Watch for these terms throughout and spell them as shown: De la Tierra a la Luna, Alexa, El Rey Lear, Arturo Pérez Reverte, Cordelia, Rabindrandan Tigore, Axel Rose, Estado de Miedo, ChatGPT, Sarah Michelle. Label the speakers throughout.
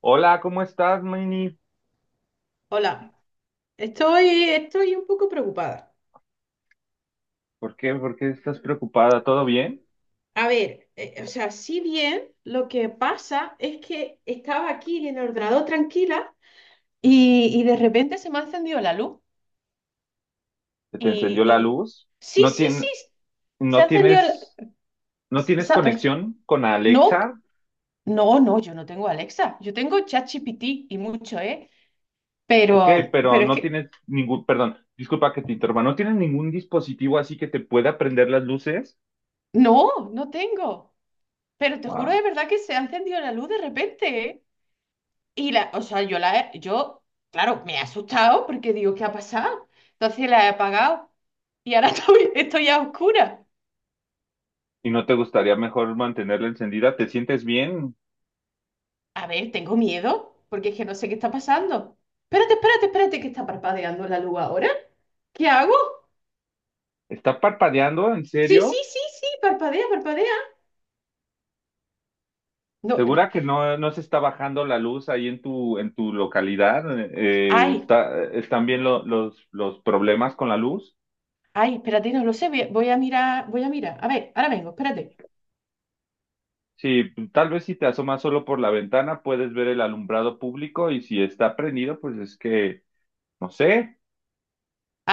Speaker 1: Hola, ¿cómo estás, Mini?
Speaker 2: Hola, estoy un poco preocupada.
Speaker 1: ¿Por qué estás preocupada? ¿Todo bien?
Speaker 2: A ver, o sea, si bien lo que pasa es que estaba aquí en el ordenador tranquila y de repente se me ha encendido la luz
Speaker 1: ¿Se te
Speaker 2: y,
Speaker 1: encendió la
Speaker 2: y-
Speaker 1: luz?
Speaker 2: sí,
Speaker 1: ¿No
Speaker 2: sí, sí,
Speaker 1: tien-
Speaker 2: se
Speaker 1: no
Speaker 2: ha encendido la...
Speaker 1: tienes, no tienes
Speaker 2: sa-
Speaker 1: conexión con
Speaker 2: No,
Speaker 1: Alexa?
Speaker 2: no, no, yo no tengo Alexa, yo tengo ChatGPT y mucho, ¿eh?
Speaker 1: Ok,
Speaker 2: Pero,
Speaker 1: pero
Speaker 2: pero es
Speaker 1: no
Speaker 2: que,
Speaker 1: tienes ningún, perdón, disculpa que te interrumpa, ¿no tienes ningún dispositivo así que te pueda prender las luces?
Speaker 2: no, no tengo. Pero te juro de
Speaker 1: Wow.
Speaker 2: verdad que se ha encendido la luz de repente, ¿eh? Y la, o sea, yo la he, yo, claro, me he asustado porque digo, ¿qué ha pasado? Entonces la he apagado y ahora estoy a oscuras.
Speaker 1: ¿Y no te gustaría mejor mantenerla encendida? ¿Te sientes bien?
Speaker 2: A ver, tengo miedo porque es que no sé qué está pasando. Espérate, espérate, espérate, que está parpadeando la luz ahora. ¿Qué hago?
Speaker 1: ¿Está parpadeando? ¿En
Speaker 2: Sí,
Speaker 1: serio?
Speaker 2: sí, sí, sí, parpadea, parpadea. No,
Speaker 1: ¿Segura que no, no se está bajando la luz ahí en tu localidad?
Speaker 2: ay,
Speaker 1: Está, ¿están bien los problemas con la luz?
Speaker 2: ay, espérate, no lo sé, voy a mirar, voy a mirar. A ver, ahora vengo, espérate.
Speaker 1: Sí, tal vez si te asomas solo por la ventana puedes ver el alumbrado público y si está prendido, pues es que, no sé,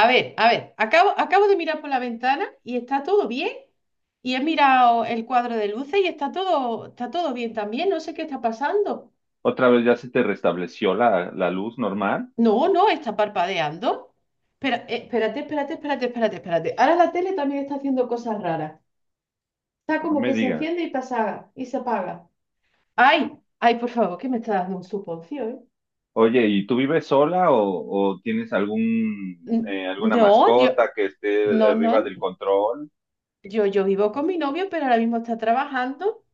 Speaker 2: A ver, acabo de mirar por la ventana y está todo bien. Y he mirado el cuadro de luces y está todo bien también. No sé qué está pasando.
Speaker 1: otra vez ya se te restableció la luz normal.
Speaker 2: No, no, está parpadeando. Espera, espérate, espérate, espérate, espérate, espérate. Ahora la tele también está haciendo cosas raras. Está
Speaker 1: No
Speaker 2: como
Speaker 1: me
Speaker 2: que se
Speaker 1: digas.
Speaker 2: enciende y pasa y se apaga. Ay, ay, por favor, que me está dando un suponcio, ¿eh?
Speaker 1: Oye, ¿y tú vives sola o tienes algún, alguna
Speaker 2: No, yo,
Speaker 1: mascota que esté
Speaker 2: no,
Speaker 1: arriba
Speaker 2: no.
Speaker 1: del control?
Speaker 2: Yo vivo con mi novio, pero ahora mismo está trabajando.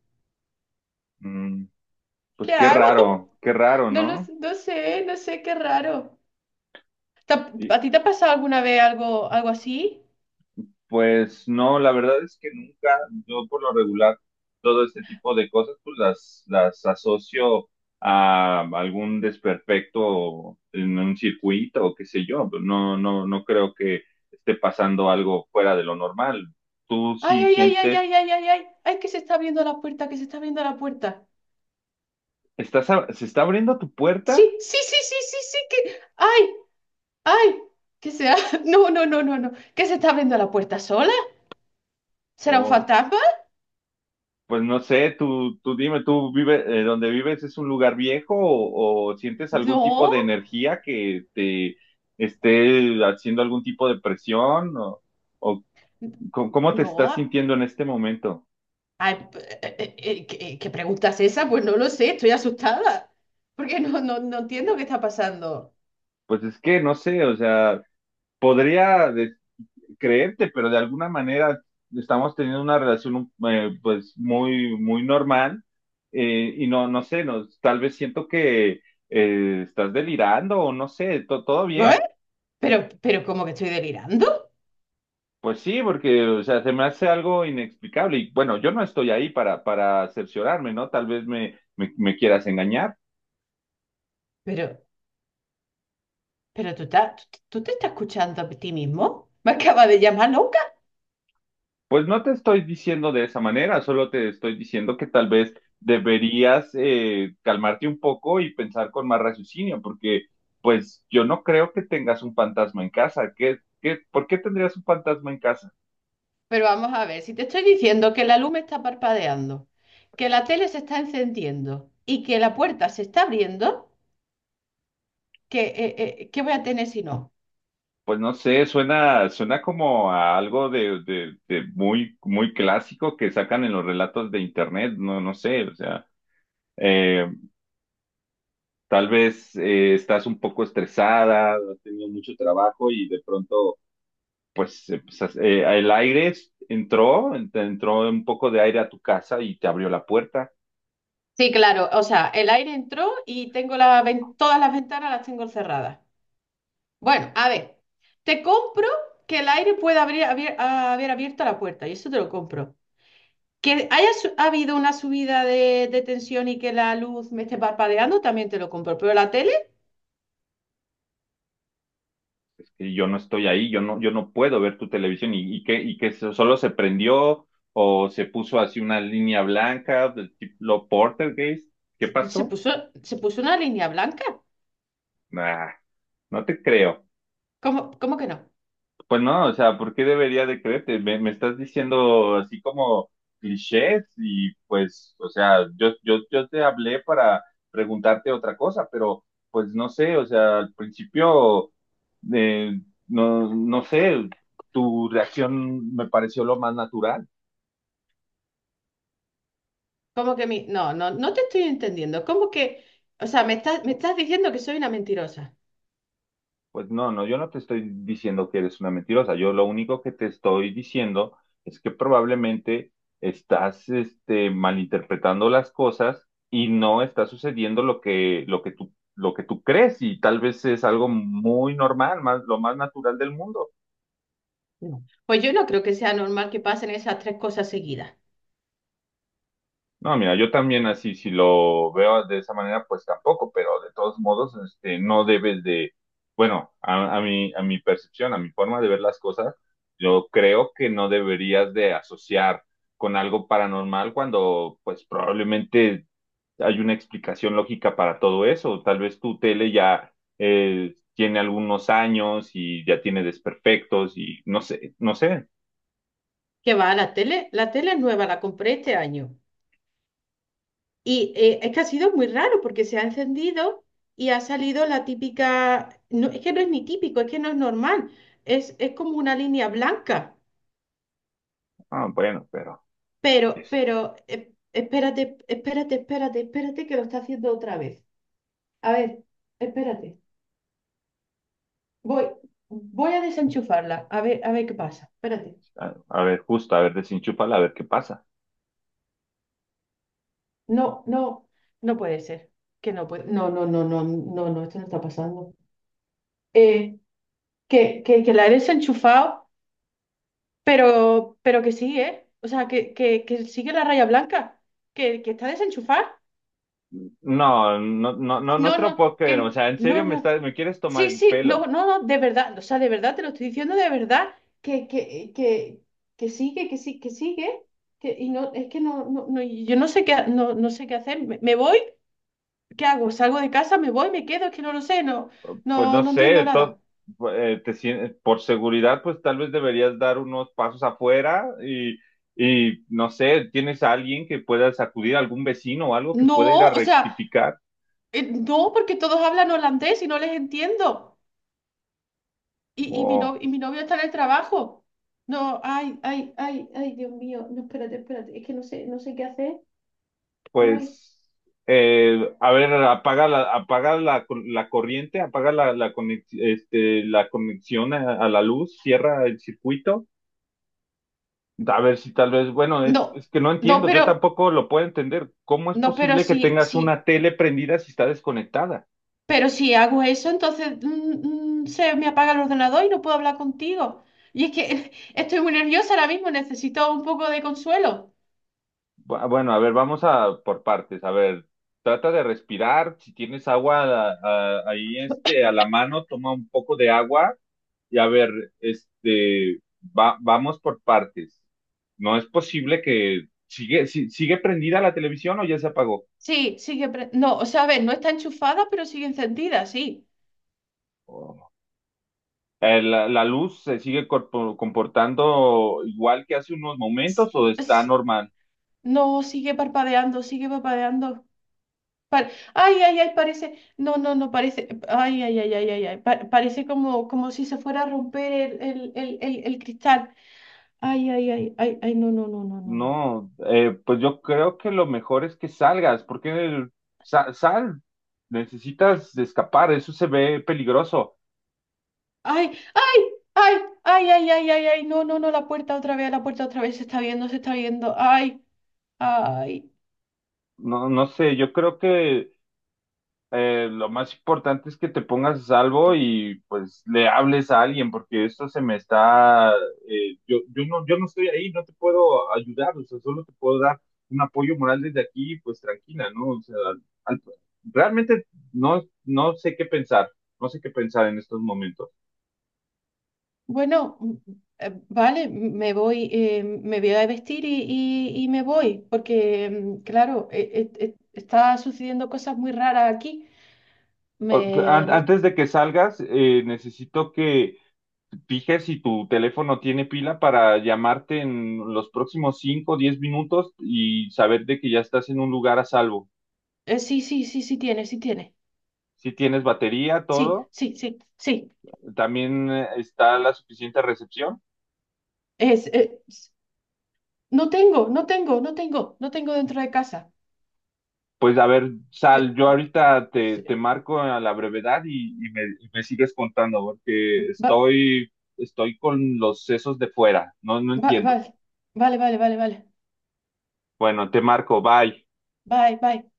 Speaker 1: Mm,
Speaker 2: ¿Qué
Speaker 1: pues
Speaker 2: hago?
Speaker 1: qué raro,
Speaker 2: No,
Speaker 1: ¿no?
Speaker 2: no sé, no sé, qué raro. ¿A ti te ha pasado alguna vez algo, algo así?
Speaker 1: Pues no, la verdad es que nunca, yo por lo regular, todo este tipo de cosas, pues las asocio a algún desperfecto en un circuito o qué sé yo. Pues no, no, no creo que esté pasando algo fuera de lo normal. ¿Tú
Speaker 2: Ay,
Speaker 1: sí
Speaker 2: ay, ay, ay, ay,
Speaker 1: sientes,
Speaker 2: ay, ay, ay, ay, que se está abriendo la puerta, que se está abriendo la puerta.
Speaker 1: estás, se está abriendo tu
Speaker 2: Sí,
Speaker 1: puerta?
Speaker 2: sí, sí, sí, sí, sí, que, ay, ay, que sea, no, no, no, no, no, que se está abriendo la puerta sola. ¿Será un
Speaker 1: O
Speaker 2: fantasma?
Speaker 1: pues no sé, tú dime, ¿tú vives, donde vives es un lugar viejo o sientes algún tipo
Speaker 2: No,
Speaker 1: de energía que te esté haciendo algún tipo de presión o cómo te estás
Speaker 2: no.
Speaker 1: sintiendo en este momento?
Speaker 2: Ay, ¿qué, qué pregunta es esa? Pues no lo sé, estoy asustada, porque no, no, no entiendo qué está pasando.
Speaker 1: Pues es que no sé, o sea, podría de- creerte, pero de alguna manera estamos teniendo una relación pues muy, muy normal, y no, no sé, no, tal vez siento que estás delirando o no sé, ¿ ¿todo
Speaker 2: ¿Eh?
Speaker 1: bien?
Speaker 2: Pero, ¿cómo que estoy delirando?
Speaker 1: Pues sí, porque, o sea, se me hace algo inexplicable. Y bueno, yo no estoy ahí para cerciorarme, ¿no? Tal vez me, me, me quieras engañar.
Speaker 2: Pero, pero tú te estás escuchando a ti mismo. Me acaba de llamar loca.
Speaker 1: Pues no te estoy diciendo de esa manera, solo te estoy diciendo que tal vez deberías calmarte un poco y pensar con más raciocinio, porque pues yo no creo que tengas un fantasma en casa. ¿Qué, qué, por qué tendrías un fantasma en casa?
Speaker 2: Pero vamos a ver, si te estoy diciendo que la luz me está parpadeando, que la tele se está encendiendo y que la puerta se está abriendo, ¿qué, qué voy a tener si no?
Speaker 1: Pues no sé, suena, suena como a algo de muy, muy clásico que sacan en los relatos de internet, no, no sé, o sea. Eh, Tal vez estás un poco estresada, has tenido mucho trabajo y de pronto, pues, pues, el entró, entró un poco de aire a tu casa y te abrió la puerta.
Speaker 2: Sí, claro, o sea, el aire entró y tengo todas las ventanas las tengo cerradas. Bueno, a ver, te compro que el aire pueda haber abierto la puerta y eso te lo compro. Que haya habido una subida de tensión y que la luz me esté parpadeando, también te lo compro. Pero la tele
Speaker 1: Es que yo no estoy ahí, yo no, yo no puedo ver tu televisión y que solo se prendió o se puso así una línea blanca del tipo Portergeist. ¿Qué
Speaker 2: se, se
Speaker 1: pasó?
Speaker 2: puso, se puso una línea blanca.
Speaker 1: Nah, no te creo.
Speaker 2: ¿Cómo, cómo que no?
Speaker 1: Pues no, o sea, ¿por qué debería de creerte? Me estás diciendo así como clichés y pues, o sea, yo te hablé para preguntarte otra cosa, pero pues no sé, o sea, al principio, eh, no, no sé, tu reacción me pareció lo más natural.
Speaker 2: ¿Cómo que mi... No, no, no te estoy entendiendo. ¿Cómo que... O sea, me estás diciendo que soy una mentirosa.
Speaker 1: Pues no, no, yo no te estoy diciendo que eres una mentirosa. Yo lo único que te estoy diciendo es que probablemente estás, este, malinterpretando las cosas y no está sucediendo lo que tú crees y tal vez es algo muy normal, más, lo más natural del mundo.
Speaker 2: No. Pues yo no creo que sea normal que pasen esas tres cosas seguidas.
Speaker 1: No, mira, yo también así, si lo veo de esa manera, pues tampoco, pero de todos modos, este, no debes de, bueno, a mi percepción, a mi forma de ver las cosas, yo creo que no deberías de asociar con algo paranormal cuando, pues probablemente hay una explicación lógica para todo eso. Tal vez tu tele ya tiene algunos años y ya tiene desperfectos y no sé, no sé.
Speaker 2: Que va a la tele es nueva, la compré este año. Y es que ha sido muy raro porque se ha encendido y ha salido la típica, no, es que no es ni típico, es que no es normal, es como una línea blanca.
Speaker 1: Ah, bueno, pero
Speaker 2: Pero,
Speaker 1: es,
Speaker 2: pero, eh, espérate, espérate, espérate, espérate que lo está haciendo otra vez. A ver, espérate. Voy, voy a desenchufarla, a ver qué pasa. Espérate.
Speaker 1: a ver, justo, a ver, desenchúfala, a ver qué pasa.
Speaker 2: No, no, no puede ser. Que no puede. No, no, no, no, no, no, esto no está pasando. Eh, que la he desenchufado, pero que sí, ¿eh? O sea, que sigue la raya blanca, que está desenchufada.
Speaker 1: No, no, no, no, no
Speaker 2: No,
Speaker 1: te lo
Speaker 2: no,
Speaker 1: puedo creer. O
Speaker 2: que
Speaker 1: sea, en serio
Speaker 2: no,
Speaker 1: me
Speaker 2: no.
Speaker 1: estás, me quieres tomar
Speaker 2: Sí,
Speaker 1: el
Speaker 2: sí, no,
Speaker 1: pelo.
Speaker 2: no, no, de verdad, o sea, de verdad, te lo estoy diciendo de verdad, que, que, que, que sigue, que sí, que sigue, que, y no, es que no, no, no, y yo no sé qué, no, no sé qué hacer, me voy, ¿qué hago? ¿Salgo de casa, me voy, me quedo? Es que no lo sé, no,
Speaker 1: Pues
Speaker 2: no,
Speaker 1: no
Speaker 2: no entiendo
Speaker 1: sé,
Speaker 2: nada.
Speaker 1: te por seguridad, pues tal vez deberías dar unos pasos afuera y no sé, tienes a alguien que puedas acudir, algún vecino o algo que pueda ir a
Speaker 2: No, o sea,
Speaker 1: rectificar.
Speaker 2: no, porque todos hablan holandés y no les entiendo, y mi no,
Speaker 1: O
Speaker 2: y mi novio está en el trabajo. No, ay, ay, ay, ay, Dios mío, no, espérate, espérate, es que no sé, no sé qué hacer. Ay,
Speaker 1: pues, a ver, apaga la, la corriente, apaga la, la este, la conexión a la luz, cierra el circuito. A ver si tal vez, bueno,
Speaker 2: no,
Speaker 1: es que no
Speaker 2: no,
Speaker 1: entiendo, yo
Speaker 2: pero,
Speaker 1: tampoco lo puedo entender. ¿Cómo es
Speaker 2: no, pero
Speaker 1: posible que
Speaker 2: si,
Speaker 1: tengas
Speaker 2: si,
Speaker 1: una tele prendida si está desconectada?
Speaker 2: pero si hago eso, entonces se me apaga el ordenador y no puedo hablar contigo. Y es que estoy muy nerviosa ahora mismo, necesito un poco de consuelo.
Speaker 1: Bueno, a ver, vamos a por partes. A ver, trata de respirar. Si tienes agua ahí este, a la mano, toma un poco de agua y a ver, este, va, vamos por partes. No es posible que sigue, sigue prendida la televisión o ya se apagó.
Speaker 2: Sí, sigue, no, o sea, a ver, no está enchufada, pero sigue encendida, sí.
Speaker 1: ¿La, la luz se sigue comportando igual que hace unos
Speaker 2: S-
Speaker 1: momentos o está
Speaker 2: s-
Speaker 1: normal?
Speaker 2: No, sigue parpadeando, sigue parpadeando. Pa- ay, ay, ay, parece, no, no, no, parece, ay, ay, ay, ay, ay, ay, parece como, como si se fuera a romper el cristal. Ay, ay, ay, ay, ay, no, no, no, no, no, no.
Speaker 1: No, pues yo creo que lo mejor es que salgas, porque sal, necesitas escapar, eso se ve peligroso.
Speaker 2: Ay, ay, ay, ay, ay, ay, ay, ay, no, no, no, la puerta otra vez, la puerta otra vez, se está viendo, se está viendo. Ay, ay.
Speaker 1: No, no sé, yo creo que lo más importante es que te pongas a salvo y pues le hables a alguien, porque esto se me está, yo, yo no, yo no estoy ahí, no te puedo ayudar, o sea, solo te puedo dar un apoyo moral desde aquí, pues tranquila, ¿no? O sea, al- realmente no, no sé qué pensar, no sé qué pensar en estos momentos.
Speaker 2: Bueno, vale, me voy a vestir y me voy, porque, claro, está sucediendo cosas muy raras aquí. Me, no-
Speaker 1: Antes de que salgas, necesito que fije si tu teléfono tiene pila para llamarte en los próximos 5 o 10 minutos y saber de que ya estás en un lugar a salvo.
Speaker 2: sí, sí, sí, sí tiene, sí tiene.
Speaker 1: Si tienes batería,
Speaker 2: Sí,
Speaker 1: todo,
Speaker 2: sí, sí, sí.
Speaker 1: también está la suficiente recepción.
Speaker 2: Es, es- no tengo, no tengo, no tengo, no tengo dentro de casa.
Speaker 1: Pues a ver, sal,
Speaker 2: ¿Qué?
Speaker 1: yo ahorita te, te marco a la brevedad y me sigues contando porque
Speaker 2: Va-
Speaker 1: estoy, estoy con los sesos de fuera, no, no entiendo.
Speaker 2: vale, vale, vale, vale, vale.
Speaker 1: Bueno, te marco, bye.
Speaker 2: Bye, bye.